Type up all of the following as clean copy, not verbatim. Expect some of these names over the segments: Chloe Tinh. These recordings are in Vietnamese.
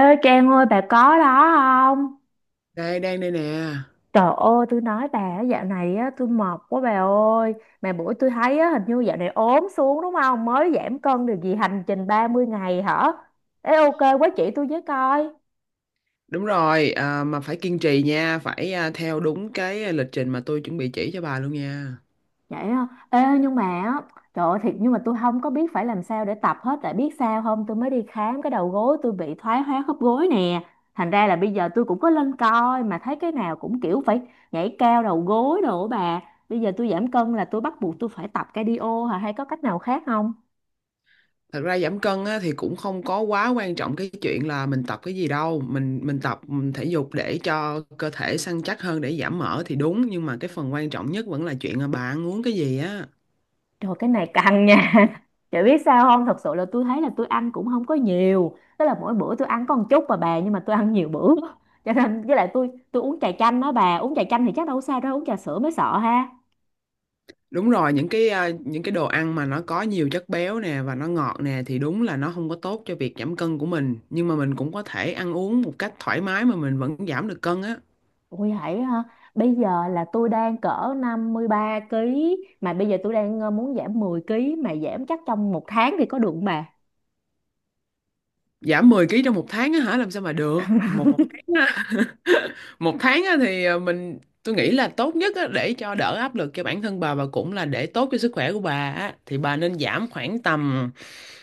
Ê Trang ơi bà có đó không? Đây, đang đây nè. Trời ơi tôi nói bà á, dạo này á tôi mệt quá bà ơi. Mà bữa tôi thấy á hình như dạo này ốm xuống đúng không? Mới giảm cân được gì hành trình 30 ngày hả? Ê ok quá chỉ tôi với coi. Đúng rồi, à, mà phải kiên trì nha, phải theo đúng cái lịch trình mà tôi chuẩn bị chỉ cho bà luôn nha. Vậy á. Ê, nhưng mà á, trời ơi thiệt nhưng mà tôi không có biết phải làm sao để tập hết tại biết sao không tôi mới đi khám cái đầu gối tôi bị thoái hóa khớp gối nè, thành ra là bây giờ tôi cũng có lên coi mà thấy cái nào cũng kiểu phải nhảy cao đầu gối đồ á bà. Bây giờ tôi giảm cân là tôi bắt buộc tôi phải tập cardio hả hay có cách nào khác không? Thật ra giảm cân á, thì cũng không có quá quan trọng cái chuyện là mình tập cái gì đâu, mình tập mình thể dục để cho cơ thể săn chắc hơn để giảm mỡ thì đúng, nhưng mà cái phần quan trọng nhất vẫn là chuyện là bà ăn uống cái gì á. Trời cái này căng nha Chị biết sao không? Thật sự là tôi thấy là tôi ăn cũng không có nhiều. Tức là mỗi bữa tôi ăn có một chút mà bà. Nhưng mà tôi ăn nhiều bữa Cho nên với lại tôi uống trà chanh đó bà. Uống trà chanh thì chắc đâu có sao đâu. Uống trà sữa mới sợ ha. Đúng rồi, những cái những cái đồ ăn mà nó có nhiều chất béo nè và nó ngọt nè thì đúng là nó không có tốt cho việc giảm cân của mình, nhưng mà mình cũng có thể ăn uống một cách thoải mái mà mình vẫn giảm được cân á. Ui hãy ha. Bây giờ là tôi đang cỡ 53 ký. Mà bây giờ tôi đang muốn giảm 10 ký. Mà giảm chắc trong một tháng thì có được không bà? Giảm 10 ký trong một tháng á hả làm sao mà được? Một tháng á, một tháng á thì mình tôi nghĩ là tốt nhất á, để cho đỡ áp lực cho bản thân bà và cũng là để tốt cho sức khỏe của bà á, thì bà nên giảm khoảng tầm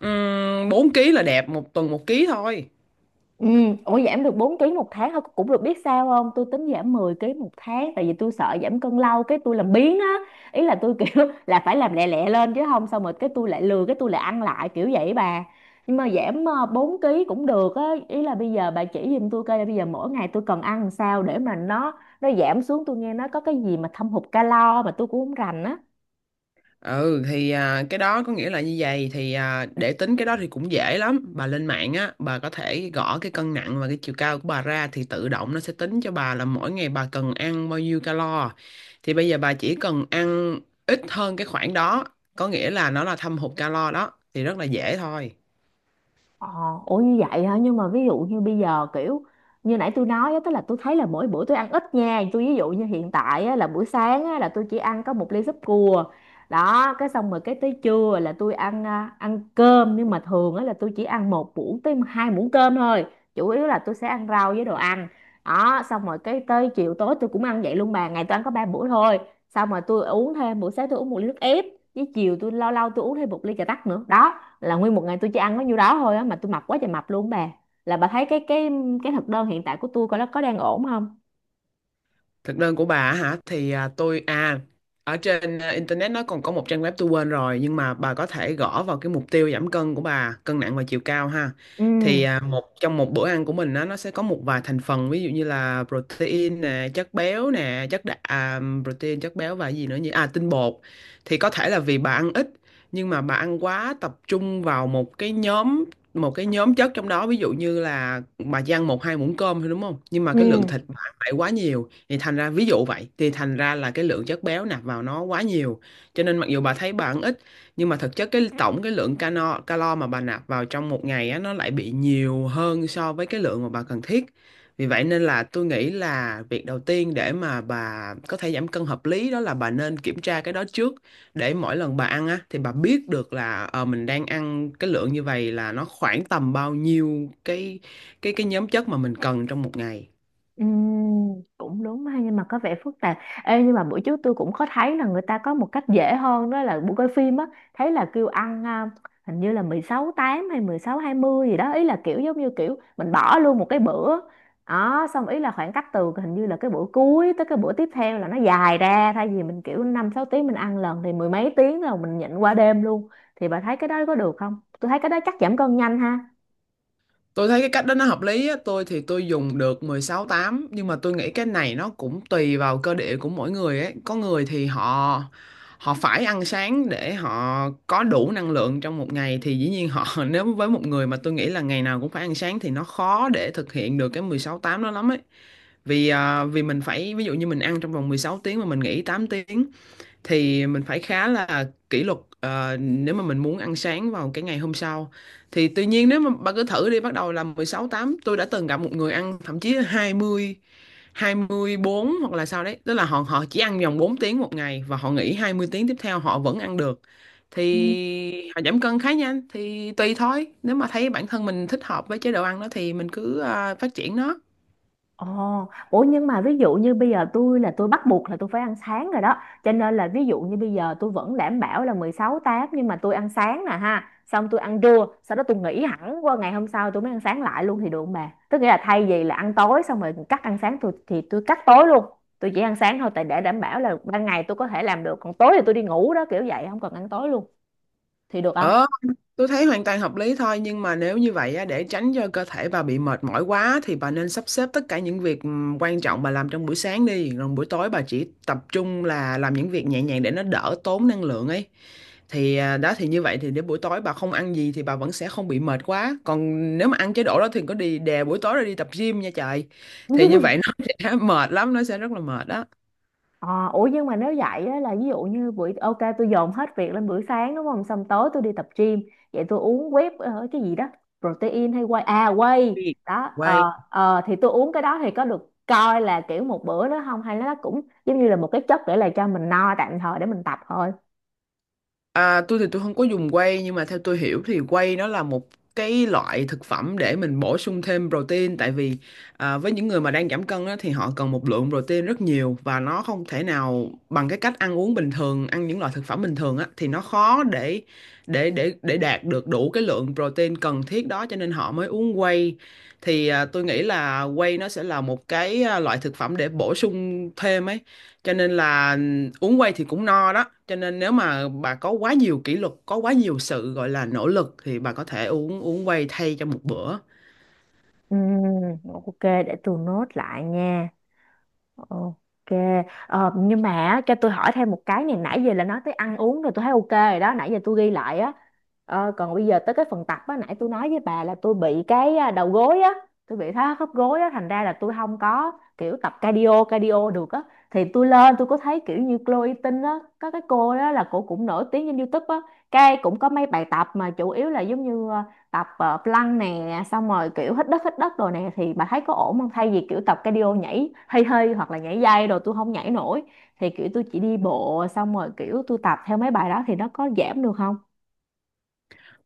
4 ký là đẹp, một tuần một ký thôi. Ừ, ủa giảm được 4 ký một tháng thôi cũng được, biết sao không tôi tính giảm 10 ký một tháng tại vì tôi sợ giảm cân lâu cái tôi làm biếng á. Ý là tôi kiểu là phải làm lẹ lẹ lên chứ không xong rồi cái tôi lại lừa cái tôi lại ăn lại kiểu vậy bà. Nhưng mà giảm 4 kg cũng được á. Ý là bây giờ bà chỉ giùm tôi coi là bây giờ mỗi ngày tôi cần ăn làm sao để mà nó giảm xuống, tôi nghe nó có cái gì mà thâm hụt calo mà tôi cũng không rành á. Ừ thì à, cái đó có nghĩa là như vậy thì để tính cái đó thì cũng dễ lắm, bà lên mạng á, bà có thể gõ cái cân nặng và cái chiều cao của bà ra thì tự động nó sẽ tính cho bà là mỗi ngày bà cần ăn bao nhiêu calo. Thì bây giờ bà chỉ cần ăn ít hơn cái khoảng đó, có nghĩa là nó là thâm hụt calo đó, thì rất là dễ thôi. Ờ, ủa như vậy hả? Nhưng mà ví dụ như bây giờ kiểu như nãy tôi nói á, tức là tôi thấy là mỗi bữa tôi ăn ít nha. Tôi ví dụ như hiện tại á, là buổi sáng á, là tôi chỉ ăn có một ly súp cua. Đó, cái xong rồi cái tới trưa là tôi ăn ăn cơm nhưng mà thường á là tôi chỉ ăn 1 muỗng tới 2 muỗng cơm thôi. Chủ yếu là tôi sẽ ăn rau với đồ ăn. Đó, xong rồi cái tới chiều tối tôi cũng ăn vậy luôn bà, ngày tôi ăn có 3 bữa thôi. Xong rồi tôi uống thêm, buổi sáng tôi uống một ly nước ép, với chiều tôi lâu lâu tôi uống thêm một ly trà tắc nữa. Đó là nguyên một ngày tôi chỉ ăn có nhiêu đó thôi á mà tôi mập quá trời mập luôn bà, là bà thấy cái cái thực đơn hiện tại của tôi coi nó có đang ổn không. Thực đơn của bà á hả? Thì à, tôi ở trên internet nó còn có một trang web tôi quên rồi, nhưng mà bà có thể gõ vào cái mục tiêu giảm cân của bà, cân nặng và chiều cao ha. Ừ. Thì à, một trong một bữa ăn của mình á, nó sẽ có một vài thành phần ví dụ như là protein nè, chất béo nè, chất đạm, protein, chất béo và gì nữa nhỉ? À, tinh bột. Thì có thể là vì bà ăn ít nhưng mà bà ăn quá tập trung vào một cái nhóm chất trong đó, ví dụ như là bà chỉ ăn một hai muỗng cơm thôi đúng không, nhưng mà Ừ. cái lượng thịt bà ăn lại quá nhiều, thì thành ra ví dụ vậy thì thành ra là cái lượng chất béo nạp vào nó quá nhiều, cho nên mặc dù bà thấy bà ăn ít nhưng mà thực chất cái tổng cái lượng calo calo mà bà nạp vào trong một ngày á nó lại bị nhiều hơn so với cái lượng mà bà cần thiết. Vì vậy nên là tôi nghĩ là việc đầu tiên để mà bà có thể giảm cân hợp lý đó là bà nên kiểm tra cái đó trước, để mỗi lần bà ăn á thì bà biết được là mình đang ăn cái lượng như vậy là nó khoảng tầm bao nhiêu cái cái nhóm chất mà mình cần trong một ngày. Ừm, cũng đúng ha nhưng mà có vẻ phức tạp. Ê, nhưng mà bữa trước tôi cũng có thấy là người ta có một cách dễ hơn đó là buổi coi phim á, thấy là kêu ăn hình như là 16:8 hay 16:20 gì đó, ý là kiểu giống như kiểu mình bỏ luôn một cái bữa đó, xong ý là khoảng cách từ hình như là cái bữa cuối tới cái bữa tiếp theo là nó dài ra, thay vì mình kiểu 5 6 tiếng mình ăn lần thì mười mấy tiếng rồi mình nhịn qua đêm luôn. Thì bà thấy cái đó có được không, tôi thấy cái đó chắc giảm cân nhanh ha. Tôi thấy cái cách đó nó hợp lý á, tôi thì tôi dùng được 16 8, nhưng mà tôi nghĩ cái này nó cũng tùy vào cơ địa của mỗi người ấy. Có người thì họ họ phải ăn sáng để họ có đủ năng lượng trong một ngày thì dĩ nhiên họ nếu với một người mà tôi nghĩ là ngày nào cũng phải ăn sáng thì nó khó để thực hiện được cái 16 8 đó lắm ấy. Vì vì mình phải ví dụ như mình ăn trong vòng 16 tiếng mà mình nghỉ 8 tiếng thì mình phải khá là kỷ luật, nếu mà mình muốn ăn sáng vào cái ngày hôm sau. Thì tuy nhiên nếu mà bạn cứ thử đi bắt đầu là 16 8, tôi đã từng gặp một người ăn thậm chí là hai 20, 24 hoặc là sao đấy, tức là họ họ chỉ ăn vòng 4 tiếng một ngày và họ nghỉ 20 tiếng tiếp theo họ vẫn ăn được, thì họ giảm cân khá nhanh, thì tùy thôi nếu mà thấy bản thân mình thích hợp với chế độ ăn đó thì mình cứ phát triển nó. Ồ, ủa nhưng mà ví dụ như bây giờ tôi là tôi bắt buộc là tôi phải ăn sáng rồi đó. Cho nên là ví dụ như bây giờ tôi vẫn đảm bảo là 16:8 nhưng mà tôi ăn sáng nè ha. Xong tôi ăn trưa, sau đó tôi nghỉ hẳn qua ngày hôm sau tôi mới ăn sáng lại luôn thì được không bà? Tức nghĩa là thay vì là ăn tối xong rồi cắt ăn sáng, tôi thì tôi cắt tối luôn. Tôi chỉ ăn sáng thôi tại để đảm bảo là ban ngày tôi có thể làm được. Còn tối thì tôi đi ngủ đó kiểu vậy không cần ăn tối luôn. Thì được không? Ờ. Tôi thấy hoàn toàn hợp lý thôi, nhưng mà nếu như vậy á, để tránh cho cơ thể bà bị mệt mỏi quá thì bà nên sắp xếp tất cả những việc quan trọng bà làm trong buổi sáng đi, rồi buổi tối bà chỉ tập trung là làm những việc nhẹ nhàng để nó đỡ tốn năng lượng ấy. Thì à, đó, thì như vậy thì đến buổi tối bà không ăn gì thì bà vẫn sẽ không bị mệt quá, còn nếu mà ăn chế độ đó thì có đi đè buổi tối rồi đi tập gym nha trời, thì như vậy nó sẽ mệt lắm, nó sẽ rất là mệt đó. Ờ, ủa nhưng mà nếu vậy á, là ví dụ như buổi ok tôi dồn hết việc lên buổi sáng đúng không, xong tối tôi đi tập gym, vậy tôi uống whey cái gì đó protein hay whey whey đó, Quay. Thì tôi uống cái đó thì có được coi là kiểu một bữa nữa không hay nó cũng giống như là một cái chất để là cho mình no tạm thời để mình tập thôi? À, tôi thì tôi không có dùng whey, nhưng mà theo tôi hiểu thì whey nó là một cái loại thực phẩm để mình bổ sung thêm protein, tại vì với những người mà đang giảm cân á, thì họ cần một lượng protein rất nhiều và nó không thể nào bằng cái cách ăn uống bình thường, ăn những loại thực phẩm bình thường á, thì nó khó để đạt được đủ cái lượng protein cần thiết đó, cho nên họ mới uống whey. Thì à, tôi nghĩ là whey nó sẽ là một cái loại thực phẩm để bổ sung thêm ấy, cho nên là uống quay thì cũng no đó, cho nên nếu mà bà có quá nhiều kỷ luật, có quá nhiều sự gọi là nỗ lực thì bà có thể uống uống quay thay cho một bữa. Ừm, ok để tôi nốt lại nha. Ok, nhưng mà á, cho tôi hỏi thêm một cái này, nãy giờ là nói tới ăn uống rồi tôi thấy ok rồi đó, nãy giờ tôi ghi lại á. Ờ, còn bây giờ tới cái phần tập á, nãy tôi nói với bà là tôi bị cái đầu gối á, tôi bị thoát khớp gối á, thành ra là tôi không có kiểu tập cardio cardio được á. Thì tôi lên tôi có thấy kiểu như Chloe Tinh á, có cái cô đó là cô cũng nổi tiếng trên YouTube á, cái cũng có mấy bài tập mà chủ yếu là giống như tập plank nè, xong rồi kiểu hít đất rồi nè, thì bà thấy có ổn không thay vì kiểu tập cardio nhảy hơi hơi hoặc là nhảy dây rồi tôi không nhảy nổi. Thì kiểu tôi chỉ đi bộ xong rồi kiểu tôi tập theo mấy bài đó thì nó có giảm được không?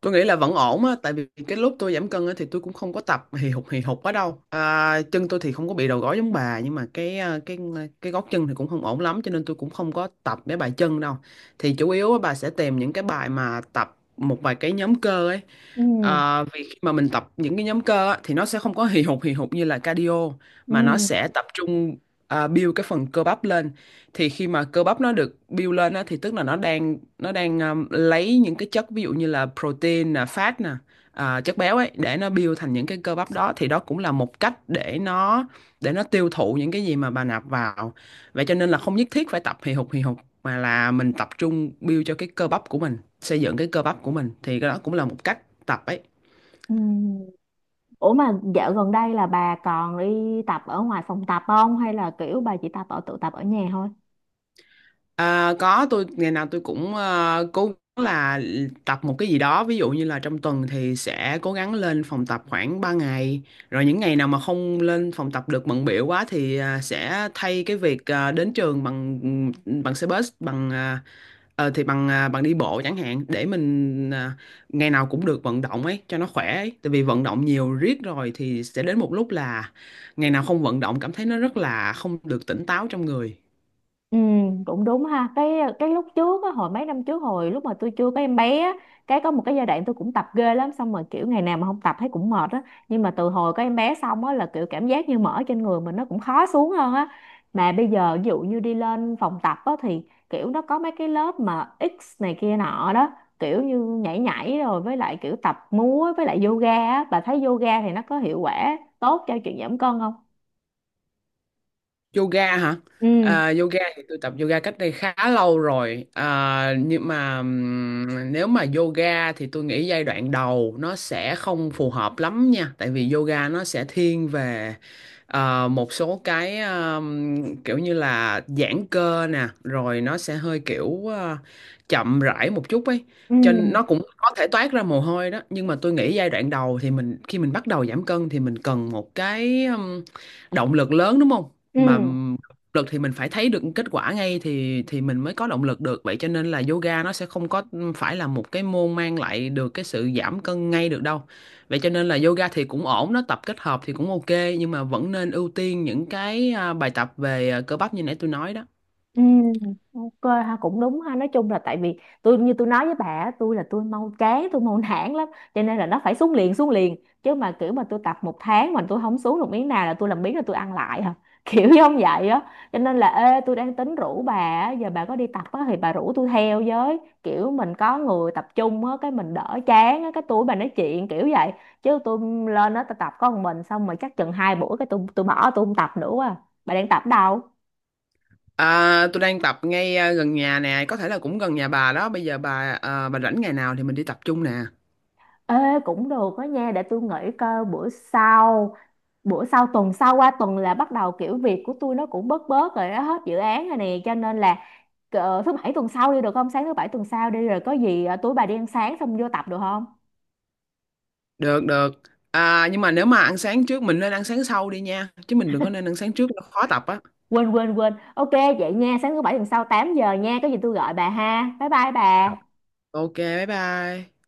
Tôi nghĩ là vẫn ổn á, tại vì cái lúc tôi giảm cân á thì tôi cũng không có tập hì hục quá đâu, chân tôi thì không có bị đầu gối giống bà, nhưng mà cái gót chân thì cũng không ổn lắm cho nên tôi cũng không có tập mấy bài chân đâu, thì chủ yếu á, bà sẽ tìm những cái bài mà tập một vài cái nhóm cơ ấy. Ừ. À, vì khi mà mình tập những cái nhóm cơ á, thì nó sẽ không có hì hục như là cardio, mà nó Ừ. sẽ tập trung build cái phần cơ bắp lên. Thì khi mà cơ bắp nó được build lên á, thì tức là nó đang lấy những cái chất, ví dụ như là protein nè, fat nè, chất béo ấy, để nó build thành những cái cơ bắp đó, thì đó cũng là một cách để nó tiêu thụ những cái gì mà bà nạp vào. Vậy cho nên là không nhất thiết phải tập hì hục mà là mình tập trung build cho cái cơ bắp của mình, xây dựng cái cơ bắp của mình, thì cái đó cũng là một cách tập ấy. Ừ. Ủa mà dạo gần đây là bà còn đi tập ở ngoài phòng tập không hay là kiểu bà chỉ tập ở tự tập ở nhà thôi? À, có, tôi ngày nào tôi cũng cố gắng là tập một cái gì đó, ví dụ như là trong tuần thì sẽ cố gắng lên phòng tập khoảng 3 ngày, rồi những ngày nào mà không lên phòng tập được bận bịu quá thì sẽ thay cái việc đến trường bằng bằng xe bus, bằng bằng đi bộ chẳng hạn, để mình ngày nào cũng được vận động ấy cho nó khỏe ấy, tại vì vận động nhiều riết rồi thì sẽ đến một lúc là ngày nào không vận động cảm thấy nó rất là không được tỉnh táo trong người. Ừ, cũng đúng ha. Cái lúc trước á, hồi mấy năm trước hồi lúc mà tôi chưa có em bé á, cái có một cái giai đoạn tôi cũng tập ghê lắm, xong rồi kiểu ngày nào mà không tập thấy cũng mệt á. Nhưng mà từ hồi có em bé xong á là kiểu cảm giác như mỡ trên người mình nó cũng khó xuống hơn á. Mà bây giờ ví dụ như đi lên phòng tập á thì kiểu nó có mấy cái lớp mà X này kia nọ đó, kiểu như nhảy nhảy rồi với lại kiểu tập múa với lại yoga á, bà thấy yoga thì nó có hiệu quả tốt cho chuyện giảm cân không? Yoga hả? Ừ, À, yoga thì tôi tập yoga cách đây khá lâu rồi. À, nhưng mà nếu mà yoga thì tôi nghĩ giai đoạn đầu nó sẽ không phù hợp lắm nha. Tại vì yoga nó sẽ thiên về một số cái kiểu như là giãn cơ nè, rồi nó sẽ hơi kiểu chậm rãi một chút ấy. ừ, Cho nên nó cũng có thể toát ra mồ hôi đó. Nhưng mà tôi nghĩ giai đoạn đầu thì mình, khi mình bắt đầu giảm cân thì mình cần một cái động lực lớn đúng không? Mà ừ. Động lực thì mình phải thấy được kết quả ngay thì mình mới có động lực được, vậy cho nên là yoga nó sẽ không có phải là một cái môn mang lại được cái sự giảm cân ngay được đâu. Vậy cho nên là yoga thì cũng ổn, nó tập kết hợp thì cũng ok, nhưng mà vẫn nên ưu tiên những cái bài tập về cơ bắp như nãy tôi nói đó. Ừ, ok ha cũng đúng ha, nói chung là tại vì tôi như tôi nói với bà á, tôi là tôi mau chán tôi mau nản lắm, cho nên là nó phải xuống liền chứ mà kiểu mà tôi tập một tháng mà tôi không xuống được miếng nào là tôi làm biếng là tôi ăn lại hả kiểu giống vậy á. Cho nên là ê tôi đang tính rủ bà á, giờ bà có đi tập á thì bà rủ tôi theo với, kiểu mình có người tập trung á cái mình đỡ chán á cái tôi với bà nói chuyện kiểu vậy, chứ tôi lên đó tôi tập có một mình xong rồi chắc chừng 2 buổi cái tôi bỏ tôi không tập nữa quá à. Bà đang tập đâu? À, tôi đang tập ngay gần nhà nè, có thể là cũng gần nhà bà đó, bây giờ bà bà rảnh ngày nào thì mình đi tập chung nè. Ê, cũng được đó nha để tôi nghĩ coi bữa sau, bữa sau tuần sau qua tuần là bắt đầu kiểu việc của tôi nó cũng bớt bớt rồi đó, hết dự án rồi nè, cho nên là thứ bảy tuần sau đi được không, sáng thứ bảy tuần sau đi rồi có gì tối bà đi ăn sáng xong vô tập được không? Được, được. À, nhưng mà nếu mà ăn sáng trước, mình nên ăn sáng sau đi nha, chứ mình đừng có nên ăn sáng trước nó khó tập á. Quên quên quên, ok. Vậy nha sáng thứ bảy tuần sau 8 giờ nha, có gì tôi gọi bà ha, bye bye bà. Ok, bye bye.